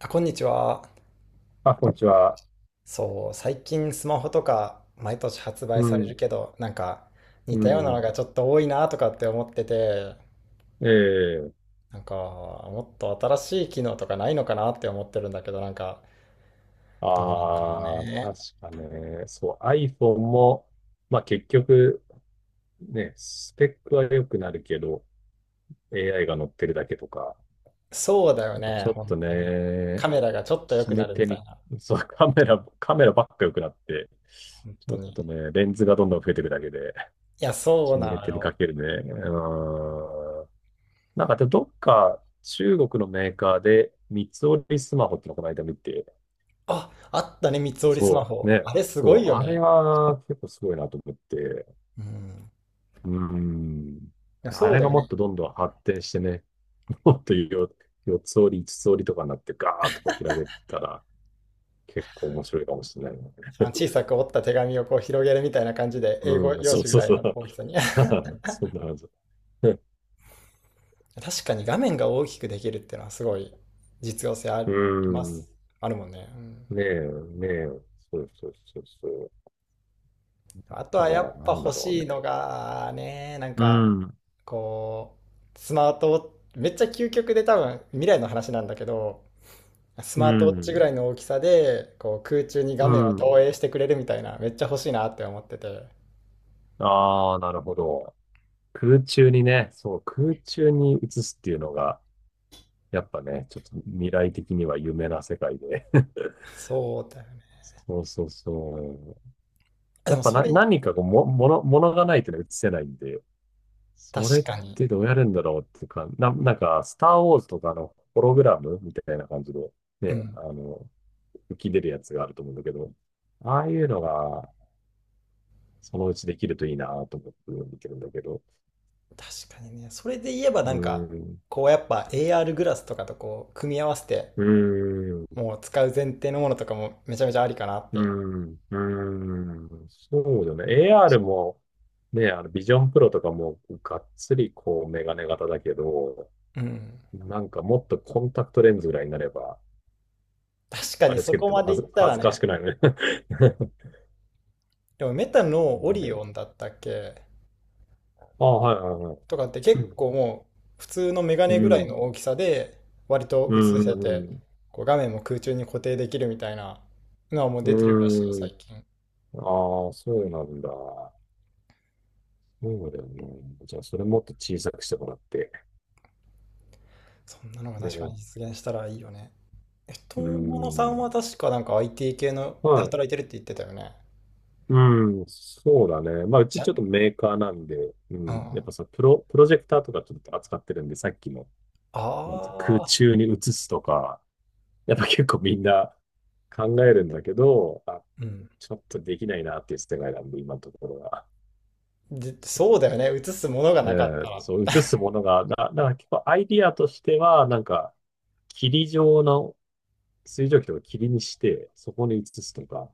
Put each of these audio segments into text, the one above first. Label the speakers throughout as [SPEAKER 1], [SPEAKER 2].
[SPEAKER 1] あ、こんにちは。
[SPEAKER 2] あ、こんにちは。
[SPEAKER 1] そう、最近スマホとか毎年発売
[SPEAKER 2] う
[SPEAKER 1] される
[SPEAKER 2] ん、
[SPEAKER 1] けど、なんか
[SPEAKER 2] う
[SPEAKER 1] 似たようなの
[SPEAKER 2] ん。
[SPEAKER 1] がちょっと多いなとかって思ってて、
[SPEAKER 2] ええ
[SPEAKER 1] なんかもっと新しい機能とかないのかなって思ってるんだけど、なんかどうなんだろう
[SPEAKER 2] ああ
[SPEAKER 1] ね。
[SPEAKER 2] 確かね。そう、iPhone も、まあ結局、ね、スペックは良くなるけど、AI が乗ってるだけとか、
[SPEAKER 1] そうだよ
[SPEAKER 2] やっぱち
[SPEAKER 1] ね、
[SPEAKER 2] ょっ
[SPEAKER 1] 本
[SPEAKER 2] と
[SPEAKER 1] 当に。カ
[SPEAKER 2] ね、
[SPEAKER 1] メラがちょっと良
[SPEAKER 2] 決
[SPEAKER 1] く
[SPEAKER 2] め
[SPEAKER 1] なるみ
[SPEAKER 2] 手
[SPEAKER 1] たい
[SPEAKER 2] に、
[SPEAKER 1] な、
[SPEAKER 2] そう、カメラばっか良くなって、
[SPEAKER 1] 本
[SPEAKER 2] ち
[SPEAKER 1] 当
[SPEAKER 2] ょっ
[SPEAKER 1] に。い
[SPEAKER 2] とね、レンズがどんどん増えていくだけで、
[SPEAKER 1] や、そう
[SPEAKER 2] 決
[SPEAKER 1] な
[SPEAKER 2] め
[SPEAKER 1] の
[SPEAKER 2] 手に
[SPEAKER 1] よ。
[SPEAKER 2] かけるね。うん。なんかで、どっか中国のメーカーで、三つ折りスマホってのこの間見て、
[SPEAKER 1] あ、あったね、三つ折りスマ
[SPEAKER 2] そう、
[SPEAKER 1] ホ。
[SPEAKER 2] ね。
[SPEAKER 1] あれすご
[SPEAKER 2] そ
[SPEAKER 1] い
[SPEAKER 2] う、
[SPEAKER 1] よ
[SPEAKER 2] あれ
[SPEAKER 1] ね。
[SPEAKER 2] は結構すごいなと思って。
[SPEAKER 1] うん。
[SPEAKER 2] うん。
[SPEAKER 1] いや、
[SPEAKER 2] あ
[SPEAKER 1] そう
[SPEAKER 2] れ
[SPEAKER 1] だ
[SPEAKER 2] が
[SPEAKER 1] よ
[SPEAKER 2] もっ
[SPEAKER 1] ね。
[SPEAKER 2] とどんどん発展してね、もっとよ4つ折り、5つ折りとかになってガーッとこう開けたら結構面白いかもしれないね。
[SPEAKER 1] あの小さく折った手紙をこう広げるみたいな感じで、英
[SPEAKER 2] う
[SPEAKER 1] 語
[SPEAKER 2] ん、
[SPEAKER 1] 用
[SPEAKER 2] そう
[SPEAKER 1] 紙ぐ
[SPEAKER 2] そう
[SPEAKER 1] らい
[SPEAKER 2] そう。
[SPEAKER 1] の大きさに。
[SPEAKER 2] そんなはず。
[SPEAKER 1] 確かに画面が大きくできるっていうのはすごい実用性あり
[SPEAKER 2] う
[SPEAKER 1] ま
[SPEAKER 2] ん。ね
[SPEAKER 1] す。あるもんね。うん。
[SPEAKER 2] え、ねえ。そうそうそうそう。
[SPEAKER 1] あ
[SPEAKER 2] あ
[SPEAKER 1] と
[SPEAKER 2] と
[SPEAKER 1] はや
[SPEAKER 2] は、
[SPEAKER 1] っ
[SPEAKER 2] な
[SPEAKER 1] ぱ
[SPEAKER 2] んだ
[SPEAKER 1] 欲
[SPEAKER 2] ろう
[SPEAKER 1] しいの
[SPEAKER 2] ね。
[SPEAKER 1] がね、なん
[SPEAKER 2] う
[SPEAKER 1] か
[SPEAKER 2] ん、
[SPEAKER 1] こう、スマートウォッチ、めっちゃ究極で多分未来の話なんだけど、ス
[SPEAKER 2] う
[SPEAKER 1] マートウォッチぐ
[SPEAKER 2] ん、
[SPEAKER 1] らいの大きさで、こう空中に
[SPEAKER 2] う
[SPEAKER 1] 画面を投
[SPEAKER 2] ん。
[SPEAKER 1] 影してくれるみたいな、めっちゃ欲しいなって思ってて。
[SPEAKER 2] ああ、なるほど。空中にね、そう、空中に移すっていうのが、やっぱね、ちょっと未来的には夢な世界で。
[SPEAKER 1] そうだよね。
[SPEAKER 2] そうそうそう。や
[SPEAKER 1] で
[SPEAKER 2] っ
[SPEAKER 1] も
[SPEAKER 2] ぱ
[SPEAKER 1] そ
[SPEAKER 2] な、
[SPEAKER 1] れ、
[SPEAKER 2] 何かこうも、もの、ものがないとね、移せないんで、
[SPEAKER 1] 確
[SPEAKER 2] それっ
[SPEAKER 1] かに。
[SPEAKER 2] てどうやるんだろうっていうか、なんか、スターウォーズとかのホログラムみたいな感じで、
[SPEAKER 1] う
[SPEAKER 2] ね、
[SPEAKER 1] ん。
[SPEAKER 2] あの、浮き出るやつがあると思うんだけど、ああいうのが、そのうちできるといいなと思って見てるんだけど、
[SPEAKER 1] 確かにね。それで言えばな
[SPEAKER 2] う
[SPEAKER 1] んか、
[SPEAKER 2] ーん、
[SPEAKER 1] こうやっぱ AR グラスとかとこう組み合わせて、
[SPEAKER 2] うーん
[SPEAKER 1] もう使う前提のものとかもめちゃめちゃありかなっ
[SPEAKER 2] う
[SPEAKER 1] て。
[SPEAKER 2] ん、うそうだね。AR も、ね、あの、ビジョンプロとかも、がっつり、こう、メガネ型だけど、
[SPEAKER 1] うん。
[SPEAKER 2] なんかもっとコンタクトレンズぐらいになれば、
[SPEAKER 1] 確か
[SPEAKER 2] あ
[SPEAKER 1] に
[SPEAKER 2] れつ
[SPEAKER 1] そ
[SPEAKER 2] けて
[SPEAKER 1] こ
[SPEAKER 2] て
[SPEAKER 1] ま
[SPEAKER 2] も
[SPEAKER 1] で
[SPEAKER 2] は
[SPEAKER 1] い
[SPEAKER 2] ず、
[SPEAKER 1] った
[SPEAKER 2] 恥
[SPEAKER 1] ら
[SPEAKER 2] ずかし
[SPEAKER 1] ね。
[SPEAKER 2] くないよね。
[SPEAKER 1] でもメタのオリ
[SPEAKER 2] ね。
[SPEAKER 1] オンだったっけ
[SPEAKER 2] あ、はいはいはい。
[SPEAKER 1] とかって結構もう普通のメガ
[SPEAKER 2] う
[SPEAKER 1] ネぐらい
[SPEAKER 2] ん、
[SPEAKER 1] の大きさで割と
[SPEAKER 2] う
[SPEAKER 1] 映せて、
[SPEAKER 2] ん、
[SPEAKER 1] こう画面も空中に固定できるみたいなのはもう
[SPEAKER 2] う
[SPEAKER 1] 出てるらしいよ、
[SPEAKER 2] ん、うん。
[SPEAKER 1] 最近。
[SPEAKER 2] ああ、そうなんだ。そうだよね。じゃあ、それもっと小さくしてもらって。
[SPEAKER 1] そんなのが確か
[SPEAKER 2] ね。
[SPEAKER 1] に実現したらいいよね。え、
[SPEAKER 2] う
[SPEAKER 1] 友野さん
[SPEAKER 2] ん。
[SPEAKER 1] は確かなんか IT 系ので
[SPEAKER 2] はい。
[SPEAKER 1] 働いてるって言ってたよね。
[SPEAKER 2] うん、そうだね。まあ、う
[SPEAKER 1] じ
[SPEAKER 2] ち
[SPEAKER 1] ゃ、う
[SPEAKER 2] ちょっと
[SPEAKER 1] ん。
[SPEAKER 2] メーカーなんで、うん、やっ
[SPEAKER 1] あ
[SPEAKER 2] ぱさ、プロジェクターとかちょっと扱ってるんで、さっきの、なんつうの空
[SPEAKER 1] あ、
[SPEAKER 2] 中に映すとか、やっぱ結構みんな考えるんだけど、あ、
[SPEAKER 1] うん。
[SPEAKER 2] ちょっとできないなっていう世界なんで、今のところは。
[SPEAKER 1] で、そう
[SPEAKER 2] そ
[SPEAKER 1] だよね。映すものが
[SPEAKER 2] う、
[SPEAKER 1] なかっ
[SPEAKER 2] え
[SPEAKER 1] た
[SPEAKER 2] え
[SPEAKER 1] ら。
[SPEAKER 2] そう、映すものが、なんか結構アイディアとしては、なんか、霧状の水蒸気とか霧にして、そこに移すとか、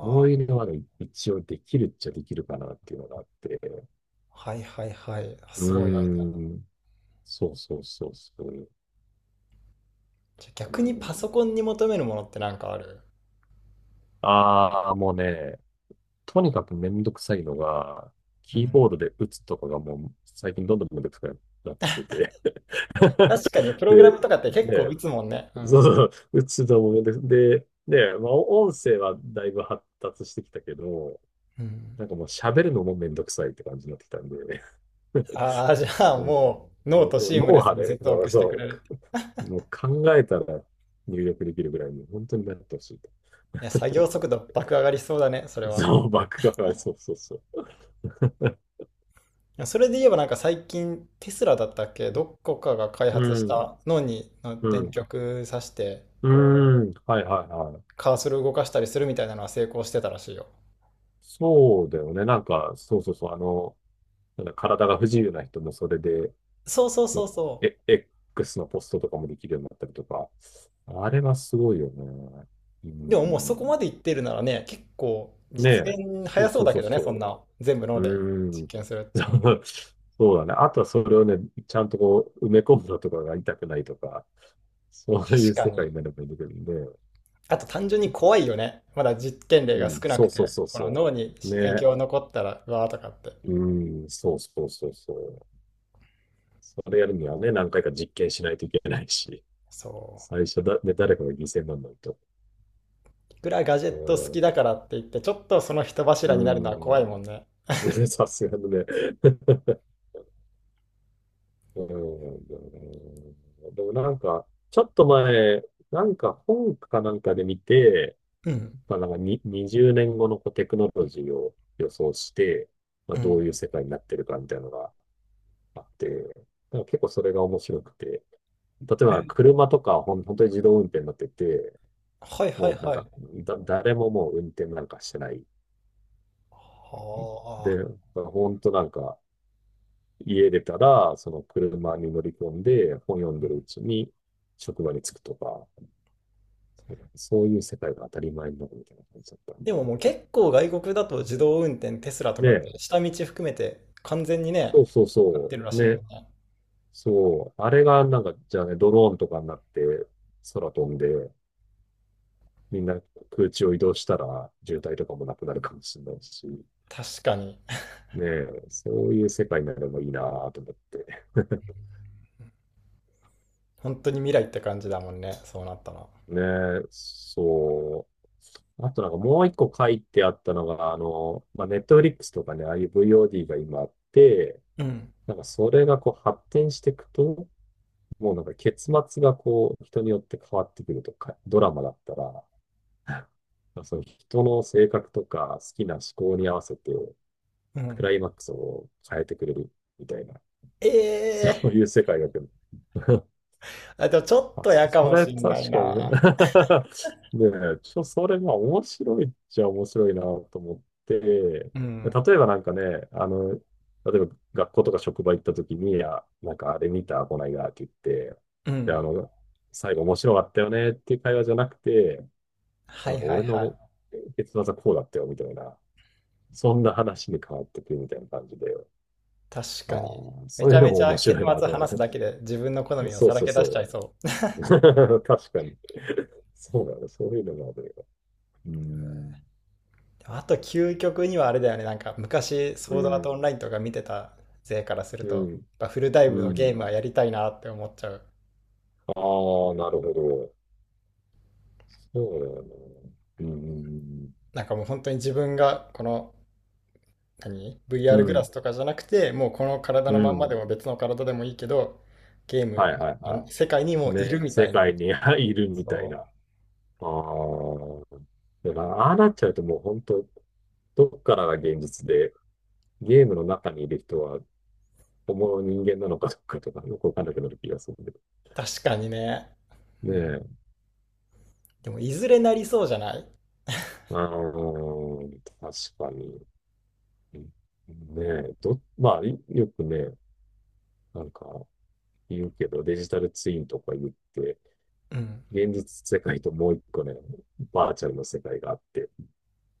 [SPEAKER 2] そう
[SPEAKER 1] あ、
[SPEAKER 2] いうのはね、一応できるっちゃできるかなっていうのがあって、
[SPEAKER 1] はいはいはい。
[SPEAKER 2] う
[SPEAKER 1] すごいアイデアだ。
[SPEAKER 2] ーん。そうそうそうそう。
[SPEAKER 1] じゃ、
[SPEAKER 2] あ
[SPEAKER 1] 逆
[SPEAKER 2] の
[SPEAKER 1] にパソ
[SPEAKER 2] ー
[SPEAKER 1] コンに求めるものってなんかある？
[SPEAKER 2] あー、もうね、とにかくめんどくさいのが、
[SPEAKER 1] う
[SPEAKER 2] キー
[SPEAKER 1] ん。
[SPEAKER 2] ボードで打つとかがもう最近どんどんめんどくさくなってきてて。
[SPEAKER 1] 確かにプ ログラ
[SPEAKER 2] で、
[SPEAKER 1] ムとかって結構
[SPEAKER 2] ね、
[SPEAKER 1] 打つもんね。う
[SPEAKER 2] そう
[SPEAKER 1] ん。
[SPEAKER 2] そう、打つのもめんどくで、ね、まあ、音声はだいぶ発達してきたけど、
[SPEAKER 1] うん。
[SPEAKER 2] なんかもう喋るのもめんどくさいって感じになってきたんで、
[SPEAKER 1] ああ、じゃ あ
[SPEAKER 2] も
[SPEAKER 1] もう
[SPEAKER 2] う、
[SPEAKER 1] ノート
[SPEAKER 2] もう
[SPEAKER 1] シーム
[SPEAKER 2] 脳
[SPEAKER 1] レス
[SPEAKER 2] 波
[SPEAKER 1] に
[SPEAKER 2] で、
[SPEAKER 1] 接
[SPEAKER 2] そ
[SPEAKER 1] 続
[SPEAKER 2] う
[SPEAKER 1] してく
[SPEAKER 2] そ
[SPEAKER 1] れる。
[SPEAKER 2] う、もう考えたら入力できるぐらいに本当になってほしい。
[SPEAKER 1] いや、作業速度爆上がりしそうだね、それは。
[SPEAKER 2] そう、バックが、そうそうそ
[SPEAKER 1] や、それで言えばなんか最近テスラだったっけ、どこかが開
[SPEAKER 2] う。
[SPEAKER 1] 発し
[SPEAKER 2] うん、
[SPEAKER 1] た脳にの
[SPEAKER 2] う
[SPEAKER 1] 電
[SPEAKER 2] ん、
[SPEAKER 1] 極さして
[SPEAKER 2] う
[SPEAKER 1] こう
[SPEAKER 2] ん、はいはいはい。
[SPEAKER 1] カーソル動かしたりするみたいなのは成功してたらしいよ。
[SPEAKER 2] そうだよね。なんか、そうそうそう、あの、なんだ、体が不自由な人もそれで、
[SPEAKER 1] そうそう
[SPEAKER 2] う
[SPEAKER 1] そう
[SPEAKER 2] ん、
[SPEAKER 1] そ
[SPEAKER 2] え、X のポストとかもできるようになったりとか、あれはすごいよね。う
[SPEAKER 1] う。
[SPEAKER 2] ん、
[SPEAKER 1] でももうそこまでいってるならね、結構
[SPEAKER 2] ね
[SPEAKER 1] 実
[SPEAKER 2] え、
[SPEAKER 1] 現
[SPEAKER 2] そ
[SPEAKER 1] 早
[SPEAKER 2] う
[SPEAKER 1] そう
[SPEAKER 2] そう
[SPEAKER 1] だ
[SPEAKER 2] そ
[SPEAKER 1] け
[SPEAKER 2] う
[SPEAKER 1] どね、そん
[SPEAKER 2] そ
[SPEAKER 1] な全部
[SPEAKER 2] う。
[SPEAKER 1] 脳で
[SPEAKER 2] う
[SPEAKER 1] 実
[SPEAKER 2] ん、
[SPEAKER 1] 験するっていうのは。
[SPEAKER 2] そうそうだね。あとはそれをね、ちゃんとこう、埋め込むのとかが痛くないとか、そういう
[SPEAKER 1] 確か
[SPEAKER 2] 世
[SPEAKER 1] に。
[SPEAKER 2] 界になればいいんだけどね。
[SPEAKER 1] あと単純に怖いよね。まだ実験例
[SPEAKER 2] う
[SPEAKER 1] が
[SPEAKER 2] ん、
[SPEAKER 1] 少な
[SPEAKER 2] そ
[SPEAKER 1] く
[SPEAKER 2] う
[SPEAKER 1] て
[SPEAKER 2] そうそう
[SPEAKER 1] この
[SPEAKER 2] そ
[SPEAKER 1] 脳に
[SPEAKER 2] う。
[SPEAKER 1] 影
[SPEAKER 2] ね。
[SPEAKER 1] 響残ったらうわーとかって。
[SPEAKER 2] うん、そうそうそうそう。それやるにはね、何回か実験しないといけないし、
[SPEAKER 1] そう。
[SPEAKER 2] 最初だ、ね、誰かが犠牲にならないと。
[SPEAKER 1] いくらガジェット好きだからって言って、ちょっとその人
[SPEAKER 2] う
[SPEAKER 1] 柱になるのは
[SPEAKER 2] ん、
[SPEAKER 1] 怖いもんね。
[SPEAKER 2] うん、さすがにね。うん、でもなんか、ちょっと前、なんか本かなんかで見て、
[SPEAKER 1] うん、
[SPEAKER 2] まあ、なんかに20年後のこうテクノロジーを予想して、まあ、
[SPEAKER 1] う
[SPEAKER 2] ど
[SPEAKER 1] ん。
[SPEAKER 2] ういう世界になってるかみたいなのがあって、なんか結構それが面白くて、例えば車とかは本当に自動運転になってて、
[SPEAKER 1] はいはい
[SPEAKER 2] もうなん
[SPEAKER 1] はい。
[SPEAKER 2] か、誰ももう運転なんかしてない。
[SPEAKER 1] は
[SPEAKER 2] で、
[SPEAKER 1] あ。
[SPEAKER 2] 本当なんか、家出たら、その車に乗り込んで、本読んでるうちに職場に着くとか、そういう世界が当たり前になるみたいな感じだったん
[SPEAKER 1] で
[SPEAKER 2] で。
[SPEAKER 1] ももう結構外国だと自動運転、テスラとかっ
[SPEAKER 2] で、
[SPEAKER 1] て下道含めて完全にね、
[SPEAKER 2] そうそう
[SPEAKER 1] なっ
[SPEAKER 2] そ
[SPEAKER 1] てるら
[SPEAKER 2] う、
[SPEAKER 1] しいも
[SPEAKER 2] ね、
[SPEAKER 1] んね。
[SPEAKER 2] そう、あれがなんか、じゃあね、ドローンとかになって、空飛んで、みんな空中を移動したら渋滞とかもなくなるかもしれないし、
[SPEAKER 1] 確かに。
[SPEAKER 2] ねえ、そういう世界になればいいなと思って。
[SPEAKER 1] 本当に未来って感じだもんね。そうなったら。
[SPEAKER 2] ねえ、そう。あとなんかもう一個書いてあったのが、あの、まあ、ネットフリックスとかね、ああいう VOD が今あって、
[SPEAKER 1] うん。
[SPEAKER 2] なんかそれがこう発展していくと、もうなんか結末がこう人によって変わってくるとか、ドラマだったら、まあその人の性格とか好きな思考に合わせて
[SPEAKER 1] う
[SPEAKER 2] ク
[SPEAKER 1] ん。
[SPEAKER 2] ライマックスを変えてくれるみたいな、
[SPEAKER 1] え
[SPEAKER 2] そう
[SPEAKER 1] えー。
[SPEAKER 2] いう世界が来る。
[SPEAKER 1] あ、でもちょっと嫌か
[SPEAKER 2] そ
[SPEAKER 1] も
[SPEAKER 2] れ
[SPEAKER 1] しんない
[SPEAKER 2] 確かおね。
[SPEAKER 1] な。
[SPEAKER 2] ねえ、それまあ面白いっちゃ面白いなと思って、例
[SPEAKER 1] うん。
[SPEAKER 2] えばなんかね、あの、例えば学校とか職場行った時に、あ、なんかあれ見た、こないだって言って、
[SPEAKER 1] う
[SPEAKER 2] で、あ
[SPEAKER 1] ん。
[SPEAKER 2] の、最後面白かったよねっていう会話じゃなくて、な
[SPEAKER 1] は
[SPEAKER 2] ん
[SPEAKER 1] い
[SPEAKER 2] か
[SPEAKER 1] はい
[SPEAKER 2] 俺
[SPEAKER 1] はい。
[SPEAKER 2] の結末はこうだったよみたいな、そんな話に変わってくるみたいな感じで、
[SPEAKER 1] 確
[SPEAKER 2] あ
[SPEAKER 1] かに。
[SPEAKER 2] あ、
[SPEAKER 1] め
[SPEAKER 2] そう
[SPEAKER 1] ち
[SPEAKER 2] いう
[SPEAKER 1] ゃ
[SPEAKER 2] の
[SPEAKER 1] め
[SPEAKER 2] も
[SPEAKER 1] ち
[SPEAKER 2] 面
[SPEAKER 1] ゃ結
[SPEAKER 2] 白いな
[SPEAKER 1] 末
[SPEAKER 2] と
[SPEAKER 1] 話
[SPEAKER 2] か
[SPEAKER 1] す
[SPEAKER 2] ね。
[SPEAKER 1] だけで自分の好 みを
[SPEAKER 2] そう
[SPEAKER 1] さら
[SPEAKER 2] そう
[SPEAKER 1] け出しちゃ
[SPEAKER 2] そ
[SPEAKER 1] いそう。
[SPEAKER 2] う。確かに。そうだね。そういうのがあるよ。うん。
[SPEAKER 1] でもあと究極にはあれだよね。なんか昔
[SPEAKER 2] う
[SPEAKER 1] ソードアート
[SPEAKER 2] ん。
[SPEAKER 1] オンラインとか見てた勢からすると、
[SPEAKER 2] うん。
[SPEAKER 1] やっぱフルダイ
[SPEAKER 2] う
[SPEAKER 1] ブのゲー
[SPEAKER 2] ん。
[SPEAKER 1] ムはやりたいなって思っちゃう。
[SPEAKER 2] ああ、なるほど。そうだよね。うん。
[SPEAKER 1] なんかもう本当に自分がこの何
[SPEAKER 2] うん。
[SPEAKER 1] VR
[SPEAKER 2] う
[SPEAKER 1] グラ
[SPEAKER 2] ん、
[SPEAKER 1] スとかじゃなくて、もうこの体
[SPEAKER 2] う
[SPEAKER 1] のまんまで
[SPEAKER 2] ん、
[SPEAKER 1] も別の体でもいいけど、ゲー
[SPEAKER 2] は
[SPEAKER 1] ム
[SPEAKER 2] いはい
[SPEAKER 1] の
[SPEAKER 2] は
[SPEAKER 1] 世界に
[SPEAKER 2] い。
[SPEAKER 1] もういる
[SPEAKER 2] ね。
[SPEAKER 1] みた
[SPEAKER 2] 世
[SPEAKER 1] いな。
[SPEAKER 2] 界に いるみたい
[SPEAKER 1] そ
[SPEAKER 2] な。
[SPEAKER 1] う。
[SPEAKER 2] ああ。でもああなっちゃうともう本当、どっからが現実で、ゲームの中にいる人は本物の人間なのかどうかとかよくわかんなくなる気がするけど。
[SPEAKER 1] 確かにね。
[SPEAKER 2] ね
[SPEAKER 1] うん、
[SPEAKER 2] え。
[SPEAKER 1] でもいずれなりそうじゃない？
[SPEAKER 2] ああ、確かに。うん。ねえ、まあ、いよくね、なんか言うけど、デジタルツインとか言って、
[SPEAKER 1] うん。
[SPEAKER 2] 現実世界ともう一個ね、バーチャルの世界があって、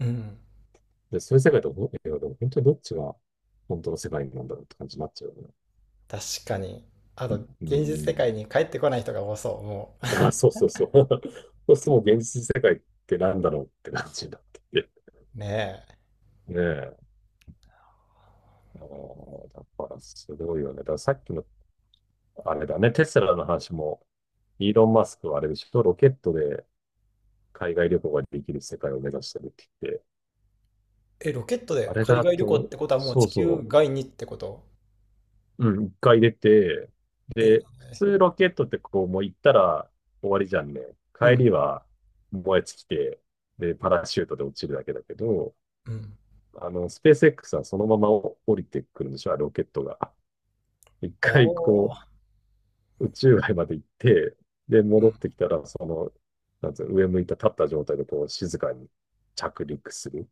[SPEAKER 1] うん。
[SPEAKER 2] で、そういう世界といやでも本当にどっちが本当の世界なんだろうって感じになっちゃうよね。
[SPEAKER 1] 確かに。あと、
[SPEAKER 2] う
[SPEAKER 1] 現実世
[SPEAKER 2] ん。
[SPEAKER 1] 界に帰ってこない人が多そう、もう。
[SPEAKER 2] あ、そうそうそう。そうするともう現実世界ってなんだろうって感じになってて。
[SPEAKER 1] ね
[SPEAKER 2] ねえ。あーだからすごいよね。だからさっきのあれだね、テスラの話も、イーロン・マスクはあれでしょ、ロケットで海外旅行ができる世界を目指してるって言って、
[SPEAKER 1] え。え、ロケット
[SPEAKER 2] あ
[SPEAKER 1] で
[SPEAKER 2] れ
[SPEAKER 1] 海
[SPEAKER 2] だ
[SPEAKER 1] 外旅行っ
[SPEAKER 2] と、
[SPEAKER 1] てことはもう
[SPEAKER 2] そ
[SPEAKER 1] 地
[SPEAKER 2] う
[SPEAKER 1] 球
[SPEAKER 2] そ
[SPEAKER 1] 外にってこと？
[SPEAKER 2] う、うん、一回出て、
[SPEAKER 1] え、
[SPEAKER 2] で、普通ロケットってこう、もう行ったら終わりじゃんね。
[SPEAKER 1] う
[SPEAKER 2] 帰
[SPEAKER 1] ん、
[SPEAKER 2] りは燃え尽きて、で、パラシュートで落ちるだけだけど、
[SPEAKER 1] うん。
[SPEAKER 2] あの、スペース X はそのまま降りてくるんでしょ、ロケットが。一回
[SPEAKER 1] お
[SPEAKER 2] こ
[SPEAKER 1] ー。
[SPEAKER 2] う、宇宙外まで行って、で、
[SPEAKER 1] う
[SPEAKER 2] 戻
[SPEAKER 1] ん。
[SPEAKER 2] ってきたら、その、なんつうの、上向いた立った状態でこう、静かに着陸する。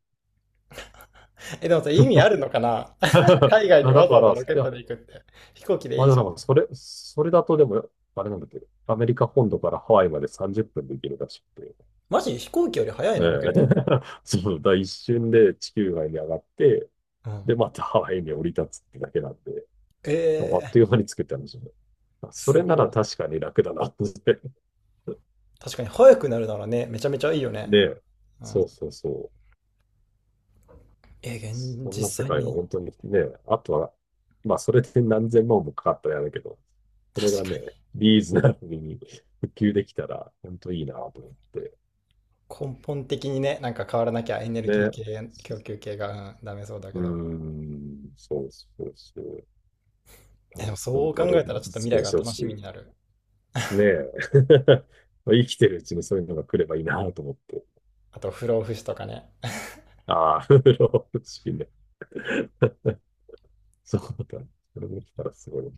[SPEAKER 1] え、でもさ、意味あ るのかな 海外に
[SPEAKER 2] あだ
[SPEAKER 1] わざ
[SPEAKER 2] か
[SPEAKER 1] わ
[SPEAKER 2] ら、
[SPEAKER 1] ざ
[SPEAKER 2] い
[SPEAKER 1] ロケット
[SPEAKER 2] や、
[SPEAKER 1] で行くって。飛行機で
[SPEAKER 2] まあ
[SPEAKER 1] いい
[SPEAKER 2] で
[SPEAKER 1] じゃ
[SPEAKER 2] もなん
[SPEAKER 1] ん。
[SPEAKER 2] か、それだとでも、あれなんだっけど、アメリカ本土からハワイまで30分で行けるらしくて、
[SPEAKER 1] マジ飛行機より早い
[SPEAKER 2] え
[SPEAKER 1] の、ロケットの方
[SPEAKER 2] え そう、だから一瞬で地球外に上がって、
[SPEAKER 1] が。うん。
[SPEAKER 2] で、またハワイに降り立つってだけなんで、
[SPEAKER 1] え
[SPEAKER 2] あっと
[SPEAKER 1] ー、
[SPEAKER 2] いう間に作ったんですよね。そ
[SPEAKER 1] す
[SPEAKER 2] れなら
[SPEAKER 1] ごい。
[SPEAKER 2] 確かに楽だなって。
[SPEAKER 1] 確かに早くなるならね、めちゃめちゃいいよね。
[SPEAKER 2] ねえ、
[SPEAKER 1] うん。
[SPEAKER 2] そうそうそう。
[SPEAKER 1] え、現
[SPEAKER 2] そん
[SPEAKER 1] 実
[SPEAKER 2] な世
[SPEAKER 1] 際
[SPEAKER 2] 界が
[SPEAKER 1] に。
[SPEAKER 2] 本当にね、あとは、まあそれで何千万もかかったやだけど、それ
[SPEAKER 1] 確
[SPEAKER 2] が
[SPEAKER 1] か
[SPEAKER 2] ね、
[SPEAKER 1] に
[SPEAKER 2] リーズナブルに普及できたら、本当いいなと思って。
[SPEAKER 1] 根本的にね、なんか変わらなきゃエネルギー
[SPEAKER 2] ね。
[SPEAKER 1] 系、供給系が、うん、ダメそうだけ
[SPEAKER 2] うー
[SPEAKER 1] ど。
[SPEAKER 2] ん、そうそうそう。あ、
[SPEAKER 1] え、でもそ
[SPEAKER 2] 本
[SPEAKER 1] う
[SPEAKER 2] 当
[SPEAKER 1] 考
[SPEAKER 2] あれ、
[SPEAKER 1] えたらちょっと未
[SPEAKER 2] 実
[SPEAKER 1] 来
[SPEAKER 2] 現
[SPEAKER 1] が
[SPEAKER 2] してほ
[SPEAKER 1] 楽しみ
[SPEAKER 2] し
[SPEAKER 1] になる。
[SPEAKER 2] い。ねえ。まあ生きてるうちにそういうのが来ればいいなと思って。
[SPEAKER 1] あと不老不死とかね。
[SPEAKER 2] ああ、風呂欲しいね。そうだ。それできたらすごいね。